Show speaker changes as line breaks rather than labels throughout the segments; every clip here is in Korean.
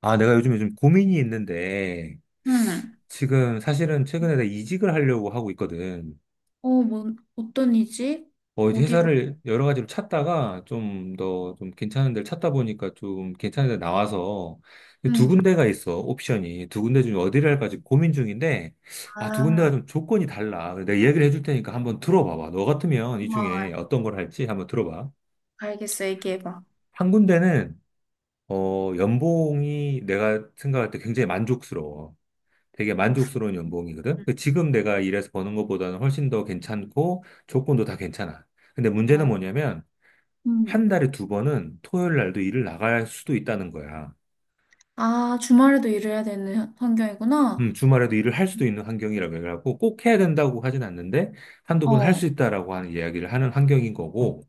아, 내가 요즘에 좀 고민이 있는데,
응.
지금 사실은 최근에 내가 이직을 하려고 하고 있거든.
어, 뭐, 어떤 이지?
어, 이제
어디로?
회사를 여러 가지로 찾다가 좀 더 좀 괜찮은 데를 찾다 보니까 좀 괜찮은 데 나와서 두
응.
군데가 있어, 옵션이. 두 군데 중에 어디를 할까 지금 고민 중인데, 아, 두 군데가
아,
좀 조건이 달라. 내가 얘기를 해줄 테니까 한번 들어봐봐. 너 같으면 이
뭐,
중에 어떤 걸 할지 한번 들어봐.
알겠어. 얘기해봐.
한 군데는, 어, 연봉이 내가 생각할 때 굉장히 만족스러워. 되게 만족스러운 연봉이거든. 그 지금 내가 일해서 버는 것보다는 훨씬 더 괜찮고 조건도 다 괜찮아. 근데 문제는
어,
뭐냐면 한
음.
달에 두 번은 토요일 날도 일을 나갈 수도 있다는 거야.
아, 주말에도 일해야 되는 환경이구나.
주말에도 일을 할 수도 있는 환경이라고 해갖고 꼭 해야 된다고 하진 않는데 한두 번 할
어,
수 있다라고 하는 이야기를 하는 환경인 거고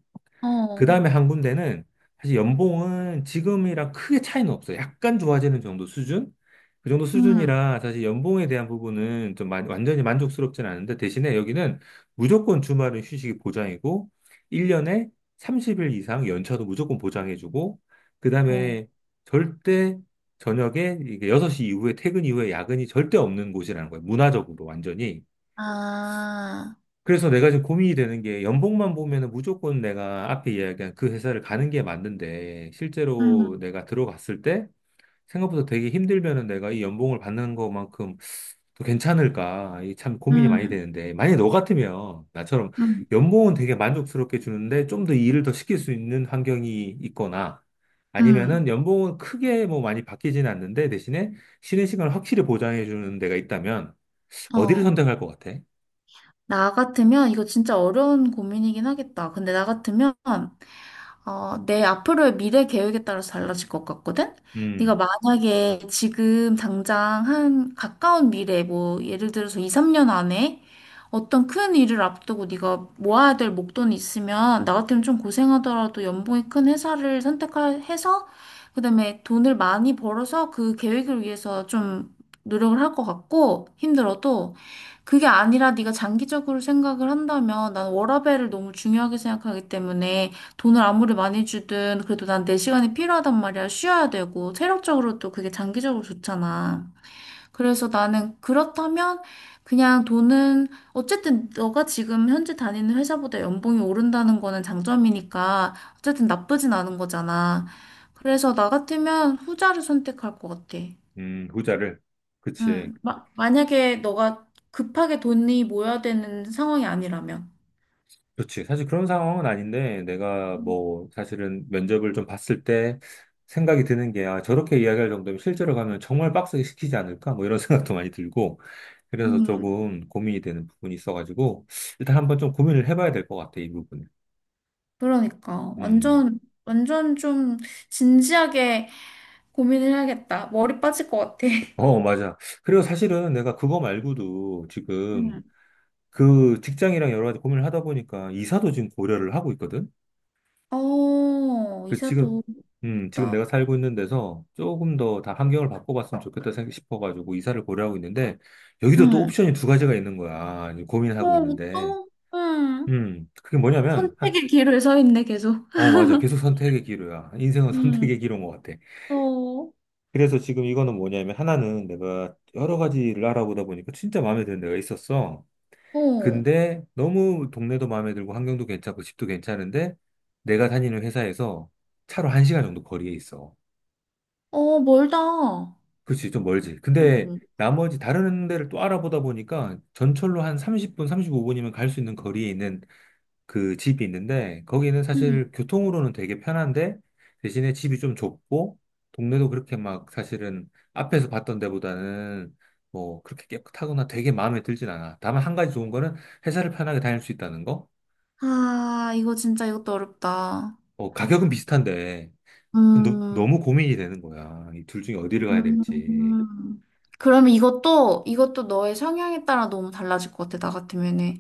그
어,
다음에 한 군데는 사실 연봉은 지금이랑 크게 차이는 없어요. 약간 좋아지는 정도 수준? 그 정도
음,
수준이라 사실 연봉에 대한 부분은 완전히 만족스럽진 않은데 대신에 여기는 무조건 주말은 휴식이 보장이고 1년에 30일 이상 연차도 무조건 보장해주고 그
어.
다음에 절대 저녁에 이게 6시 이후에 퇴근 이후에 야근이 절대 없는 곳이라는 거예요. 문화적으로 완전히.
아,
그래서 내가 지금 고민이 되는 게 연봉만 보면은 무조건 내가 앞에 이야기한 그 회사를 가는 게 맞는데 실제로
음,
내가 들어갔을 때 생각보다 되게 힘들면은 내가 이 연봉을 받는 것만큼 또 괜찮을까? 이 참 고민이 많이
음,
되는데 만약에 너 같으면 나처럼
음,
연봉은 되게 만족스럽게 주는데 좀 더 일을 더 시킬 수 있는 환경이 있거나
음,
아니면은 연봉은 크게 뭐 많이 바뀌진 않는데 대신에 쉬는 시간을 확실히 보장해 주는 데가 있다면 어디를
어.
선택할 것 같아?
나 같으면, 이거 진짜 어려운 고민이긴 하겠다. 근데 나 같으면, 어, 내 앞으로의 미래 계획에 따라서 달라질 것 같거든? 네가
음.
만약에 지금 당장 한 가까운 미래, 뭐 예를 들어서 2, 3년 안에 어떤 큰 일을 앞두고 네가 모아야 될 목돈이 있으면 나 같으면 좀 고생하더라도 연봉이 큰 회사를 선택해서 그다음에 돈을 많이 벌어서 그 계획을 위해서 좀 노력을 할 것 같고, 힘들어도. 그게 아니라 네가 장기적으로 생각을 한다면 난 워라밸을 너무 중요하게 생각하기 때문에 돈을 아무리 많이 주든 그래도 난 내 시간이 필요하단 말이야. 쉬어야 되고 체력적으로도 그게 장기적으로 좋잖아. 그래서 나는 그렇다면 그냥 돈은 어쨌든 너가 지금 현재 다니는 회사보다 연봉이 오른다는 거는 장점이니까 어쨌든 나쁘진 않은 거잖아. 그래서 나 같으면 후자를 선택할 것 같아.
후자를. 그치.
응, 만약에 너가 급하게 돈이 모여야 되는 상황이 아니라면.
그치. 사실 그런 상황은 아닌데, 내가 뭐, 사실은 면접을 좀 봤을 때 생각이 드는 게, 아, 저렇게 이야기할 정도면 실제로 가면 정말 빡세게 시키지 않을까? 뭐 이런 생각도 많이 들고, 그래서
음.
조금 고민이 되는 부분이 있어가지고, 일단 한번 좀 고민을 해봐야 될 것 같아, 이 부분은.
그러니까
음.
완전 좀 진지하게 고민을 해야겠다. 머리 빠질 것 같아.
어, 맞아. 그리고 사실은 내가 그거 말고도 지금
응.
그 직장이랑 여러 가지 고민을 하다 보니까 이사도 지금 고려를 하고 있거든?
어,
그 지금
이사도
지금
있다.
내가 살고 있는 데서 조금 더 다 환경을 바꿔봤으면 좋겠다 싶어가지고 이사를 고려하고 있는데 여기도 또
응.
옵션이 두 가지가 있는 거야 이제 고민을 하고
어,
있는데
또, 응.
그게 뭐냐면
선택의 길을 서 있네, 계속.
어 맞아 계속 선택의 기로야 인생은
응.
선택의 기로인 것 같아.
또,
그래서 지금 이거는 뭐냐면 하나는 내가 여러 가지를 알아보다 보니까 진짜 마음에 드는 데가 있었어.
어,
근데 너무 동네도 마음에 들고 환경도 괜찮고 집도 괜찮은데 내가 다니는 회사에서 차로 한 시간 정도 거리에 있어.
어, 멀다.
그치, 좀 멀지. 근데
응.
나머지 다른 데를 또 알아보다 보니까 전철로 한 30분, 35분이면 갈 수 있는 거리에 있는 그 집이 있는데 거기는
응.
사실 교통으로는 되게 편한데 대신에 집이 좀 좁고 동네도 그렇게 막 사실은 앞에서 봤던 데보다는 뭐 그렇게 깨끗하거나 되게 마음에 들진 않아. 다만 한 가지 좋은 거는 회사를 편하게 다닐 수 있다는 거?
아, 이거 진짜 이것도 어렵다.
어, 가격은 비슷한데
음.
너무 고민이 되는 거야. 이 둘 중에 어디를 가야 될지.
음, 그러면 이것도 너의 성향에 따라 너무 달라질 것 같아, 나 같으면은.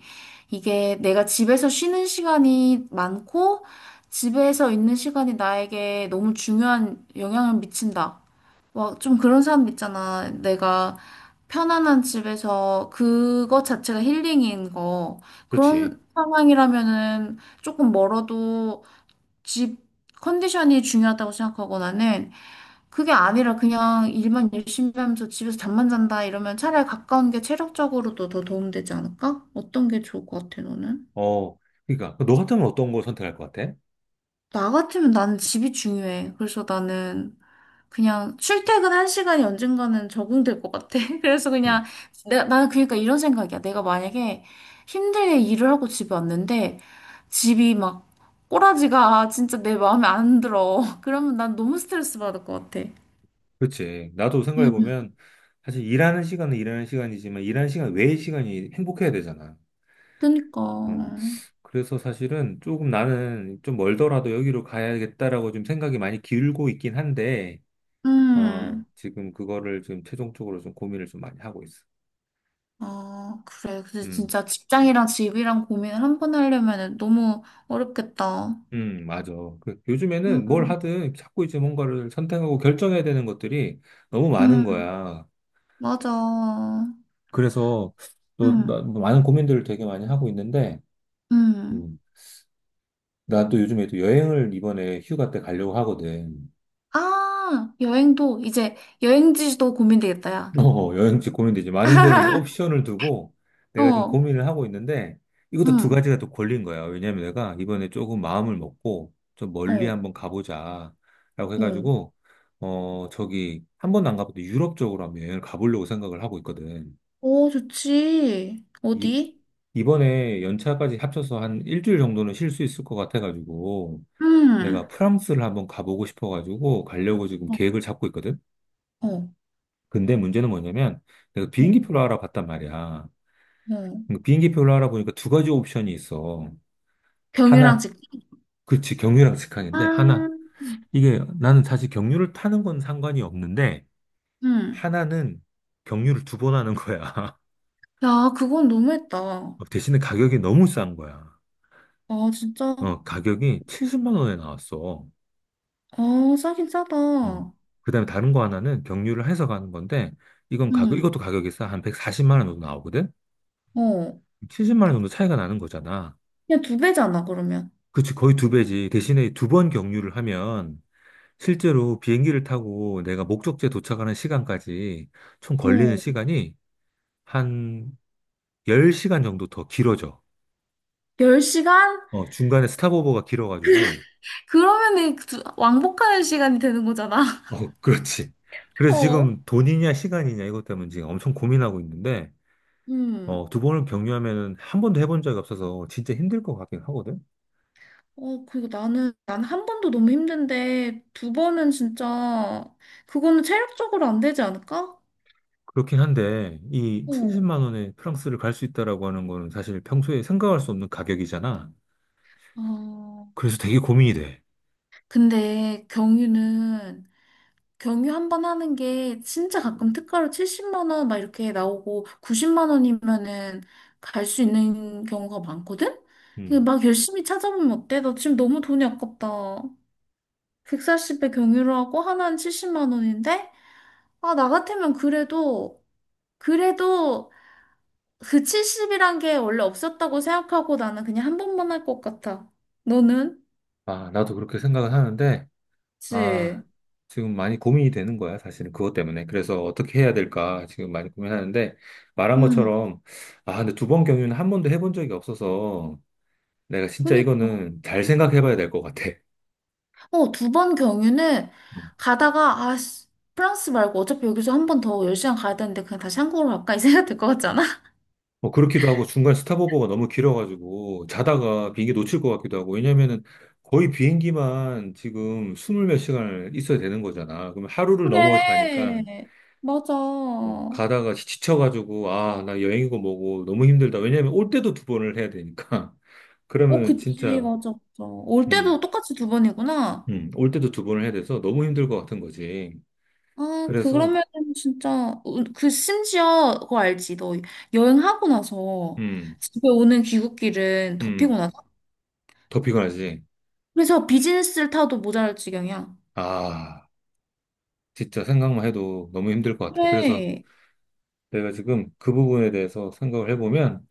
이게 내가 집에서 쉬는 시간이 많고, 집에서 있는 시간이 나에게 너무 중요한 영향을 미친다. 막 좀 그런 사람 있잖아. 내가 편안한 집에서 그것 자체가 힐링인 거.
그렇지.
그런 상황이라면은 조금 멀어도 집 컨디션이 중요하다고 생각하고, 나는 그게 아니라 그냥 일만 열심히 하면서 집에서 잠만 잔다 이러면 차라리 가까운 게 체력적으로도 더 도움되지 않을까? 어떤 게 좋을 것 같아, 너는?
어, 그러니까 그 너 같으면 어떤 거 선택할 것 같아?
나 같으면 나는 집이 중요해. 그래서 나는 그냥 출퇴근한 시간이 언젠가는 적응될 것 같아. 그래서
음,
그냥 나는 그러니까 이런 생각이야. 내가 만약에 힘들게 일을 하고 집에 왔는데 집이 막 꼬라지가 진짜 내 마음에 안 들어. 그러면 난 너무 스트레스 받을 것 같아.
그렇지. 나도 생각해
음,
보면 사실 일하는 시간은 일하는 시간이지만 일하는 시간 외의 시간이 행복해야 되잖아.
그니까.
음, 그래서 사실은 조금 나는 좀 멀더라도 여기로 가야겠다라고 좀 생각이 많이 기울고 있긴 한데, 어,
음.
지금 그거를 좀 최종적으로 좀 고민을 좀 많이 하고 있어.
아, 그래. 근데
음,
진짜 직장이랑 집이랑 고민을 한 번 하려면 너무 어렵겠다.
맞아. 그 요즘에는 뭘
음,
하든 자꾸 이제 뭔가를 선택하고 결정해야 되는 것들이 너무 많은
음,
거야.
맞아.
그래서 또
음,
많은 고민들을 되게 많이 하고 있는데,
음.
음, 나도 요즘에 또 여행을 이번에 휴가 때 가려고 하거든.
아, 여행도, 이제 여행지도 고민되겠다, 야.
어, 여행지 고민되지. 많은 걸 옵션을 두고 내가 지금
어,
고민을 하고 있는데, 이것도 두
음,
가지가 또 걸린 거야. 왜냐면 내가 이번에 조금 마음을 먹고 좀 멀리
어,
한번 가보자. 라고
어.
해가지고, 어, 저기, 한 번도 안 가봤는데 유럽 쪽으로 한번 여행을 가보려고 생각을 하고 있거든.
오, 좋지.
이,
어디?
이번에 연차까지 합쳐서 한 일주일 정도는 쉴 수 있을 것 같아가지고, 내가
음,
프랑스를 한번 가보고 싶어가지고 가려고 지금
어,
계획을 잡고 있거든.
어,
근데 문제는 뭐냐면 내가
어,
비행기표를 알아봤단 말이야.
어.
근데 비행기표를 알아보니까 두 가지 옵션이 있어.
병이랑
하나,
직,
그치, 경유랑
아,
직항인데 하나, 이게 나는 사실 경유를 타는 건 상관이 없는데
음.
하나는 경유를 두 번 하는 거야.
야, 그건 너무했다.
대신에 가격이 너무 싼 거야.
아, 진짜.
어, 가격이 70만 원에 나왔어.
아, 싸긴
어.
싸다.
그다음에 다른 거 하나는 경유를 해서 가는 건데 이건 가격,
응.
이것도 가격이 싸. 한 140만 원 정도 나오거든?
어.
70만
그,
원 정도 차이가 나는 거잖아.
그냥 두 배잖아, 그러면.
그치, 거의 두 배지. 대신에 두 번 경유를 하면 실제로 비행기를 타고 내가 목적지에 도착하는 시간까지 총 걸리는
어,
시간이 한 10시간 정도 더 길어져.
열 시간.
어, 중간에 스탑오버가 길어가지고.
그러면은 그 왕복하는 시간이 되는 거잖아.
어, 그렇지. 그래서
어.
지금 돈이냐 시간이냐 이것 때문에 지금 엄청 고민하고 있는데,
음.
어, 두 번을 경유하면은 한 번도 해본 적이 없어서 진짜 힘들 것 같긴 하거든.
어, 그리고 난 한 번도 너무 힘든데, 두 번은 진짜, 그거는 체력적으로 안 되지 않을까?
그렇긴 한데, 이
어.
70만 원에 프랑스를 갈 수 있다라고 하는 거는 사실 평소에 생각할 수 없는 가격이잖아.
아,
그래서 되게 고민이 돼.
근데 경유는 경유 한 번 하는 게 진짜 가끔 특가로 70만 원 막 이렇게 나오고 90만 원이면은 갈 수 있는 경우가 많거든? 근데
음.
막 열심히 찾아보면 어때? 나 지금 너무 돈이 아깝다. 140배 경유를 하고 하나는 70만 원인데? 아, 나 같으면 그래도 그 70이란 게 원래 없었다고 생각하고 나는 그냥 한 번만 할 것 같아. 너는?
아, 나도 그렇게 생각을 하는데,
그치?
아, 지금 많이 고민이 되는 거야, 사실은 그것 때문에. 그래서 어떻게 해야 될까 지금 많이 고민하는데, 말한
응.
것처럼, 아, 근데 두 번 경유는 한 번도 해본 적이 없어서, 내가 진짜
그니
이거는 잘 생각해 봐야 될 것 같아.
어, 두 번 경유는 가다가, 아, 씨, 프랑스 말고 어차피 여기서 한 번 더 10시간 가야 되는데 그냥 다시 한국으로 갈까? 이 생각 들 것 같지 않아?
뭐 그렇기도 하고 중간 스탑오버가 너무 길어가지고 자다가 비행기 놓칠 것 같기도 하고 왜냐면은 거의 비행기만 지금 스물 몇 시간을 있어야 되는 거잖아. 그럼 하루를 넘어가니까 가
그래. 맞아. 어,
가다가 지쳐가지고 아, 나 여행이고 뭐고 너무 힘들다. 왜냐면 올 때도 두 번을 해야 되니까. 그러면
그치.
진짜
맞아. 올
음,
때도 똑같이 두 번이구나.
올 때도 두 번을 해야 돼서 너무 힘들 것 같은 거지.
아,
그래서
그러면 진짜, 어, 그, 심지어, 그거 알지? 너 여행하고 나서
음,
집에 오는 귀국길은 더
음,
피곤하다.
더 피곤하지.
그래서 비즈니스를 타도 모자랄 지경이야.
아, 진짜 생각만 해도 너무 힘들 것 같아. 그래서
그래.
내가 지금 그 부분에 대해서 생각을 해보면,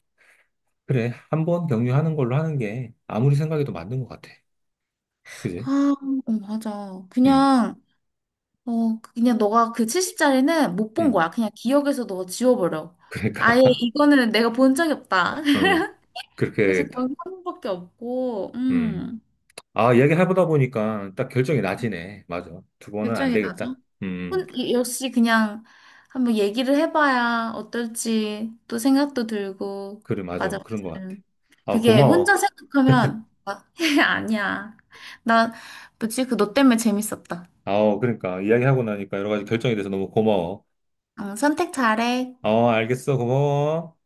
그래, 한 번 격려하는 걸로 하는 게 아무리 생각해도 맞는 것 같아. 그지?
아, 어, 맞아.
음,
그냥, 어, 그냥 너가 그 70짜리는 못 본
음.
거야. 그냥 기억에서 너 지워버려.
그러니까,
아예 이거는 내가 본 적이 없다.
어, 그렇게
그래서
해야겠다.
결국 한 번밖에 없고,
음. 아, 이야기 해보다 보니까 딱 결정이 나지네. 맞아. 두 번은 안
결정이 나죠.
되겠다. 음.
역시 그냥 한번 얘기를 해봐야 어떨지 또 생각도 들고,
그래, 맞아.
맞아,
그런 것 같아.
맞아.
아,
그게 혼자
고마워.
생각하면, 아, 아니야. 나, 뭐지? 그 너 때문에 재밌었다.
아, 그러니까, 이야기하고 나니까 여러 가지 결정이 돼서 너무 고마워.
응, 선택 잘해.
어, 알겠어. 고마워.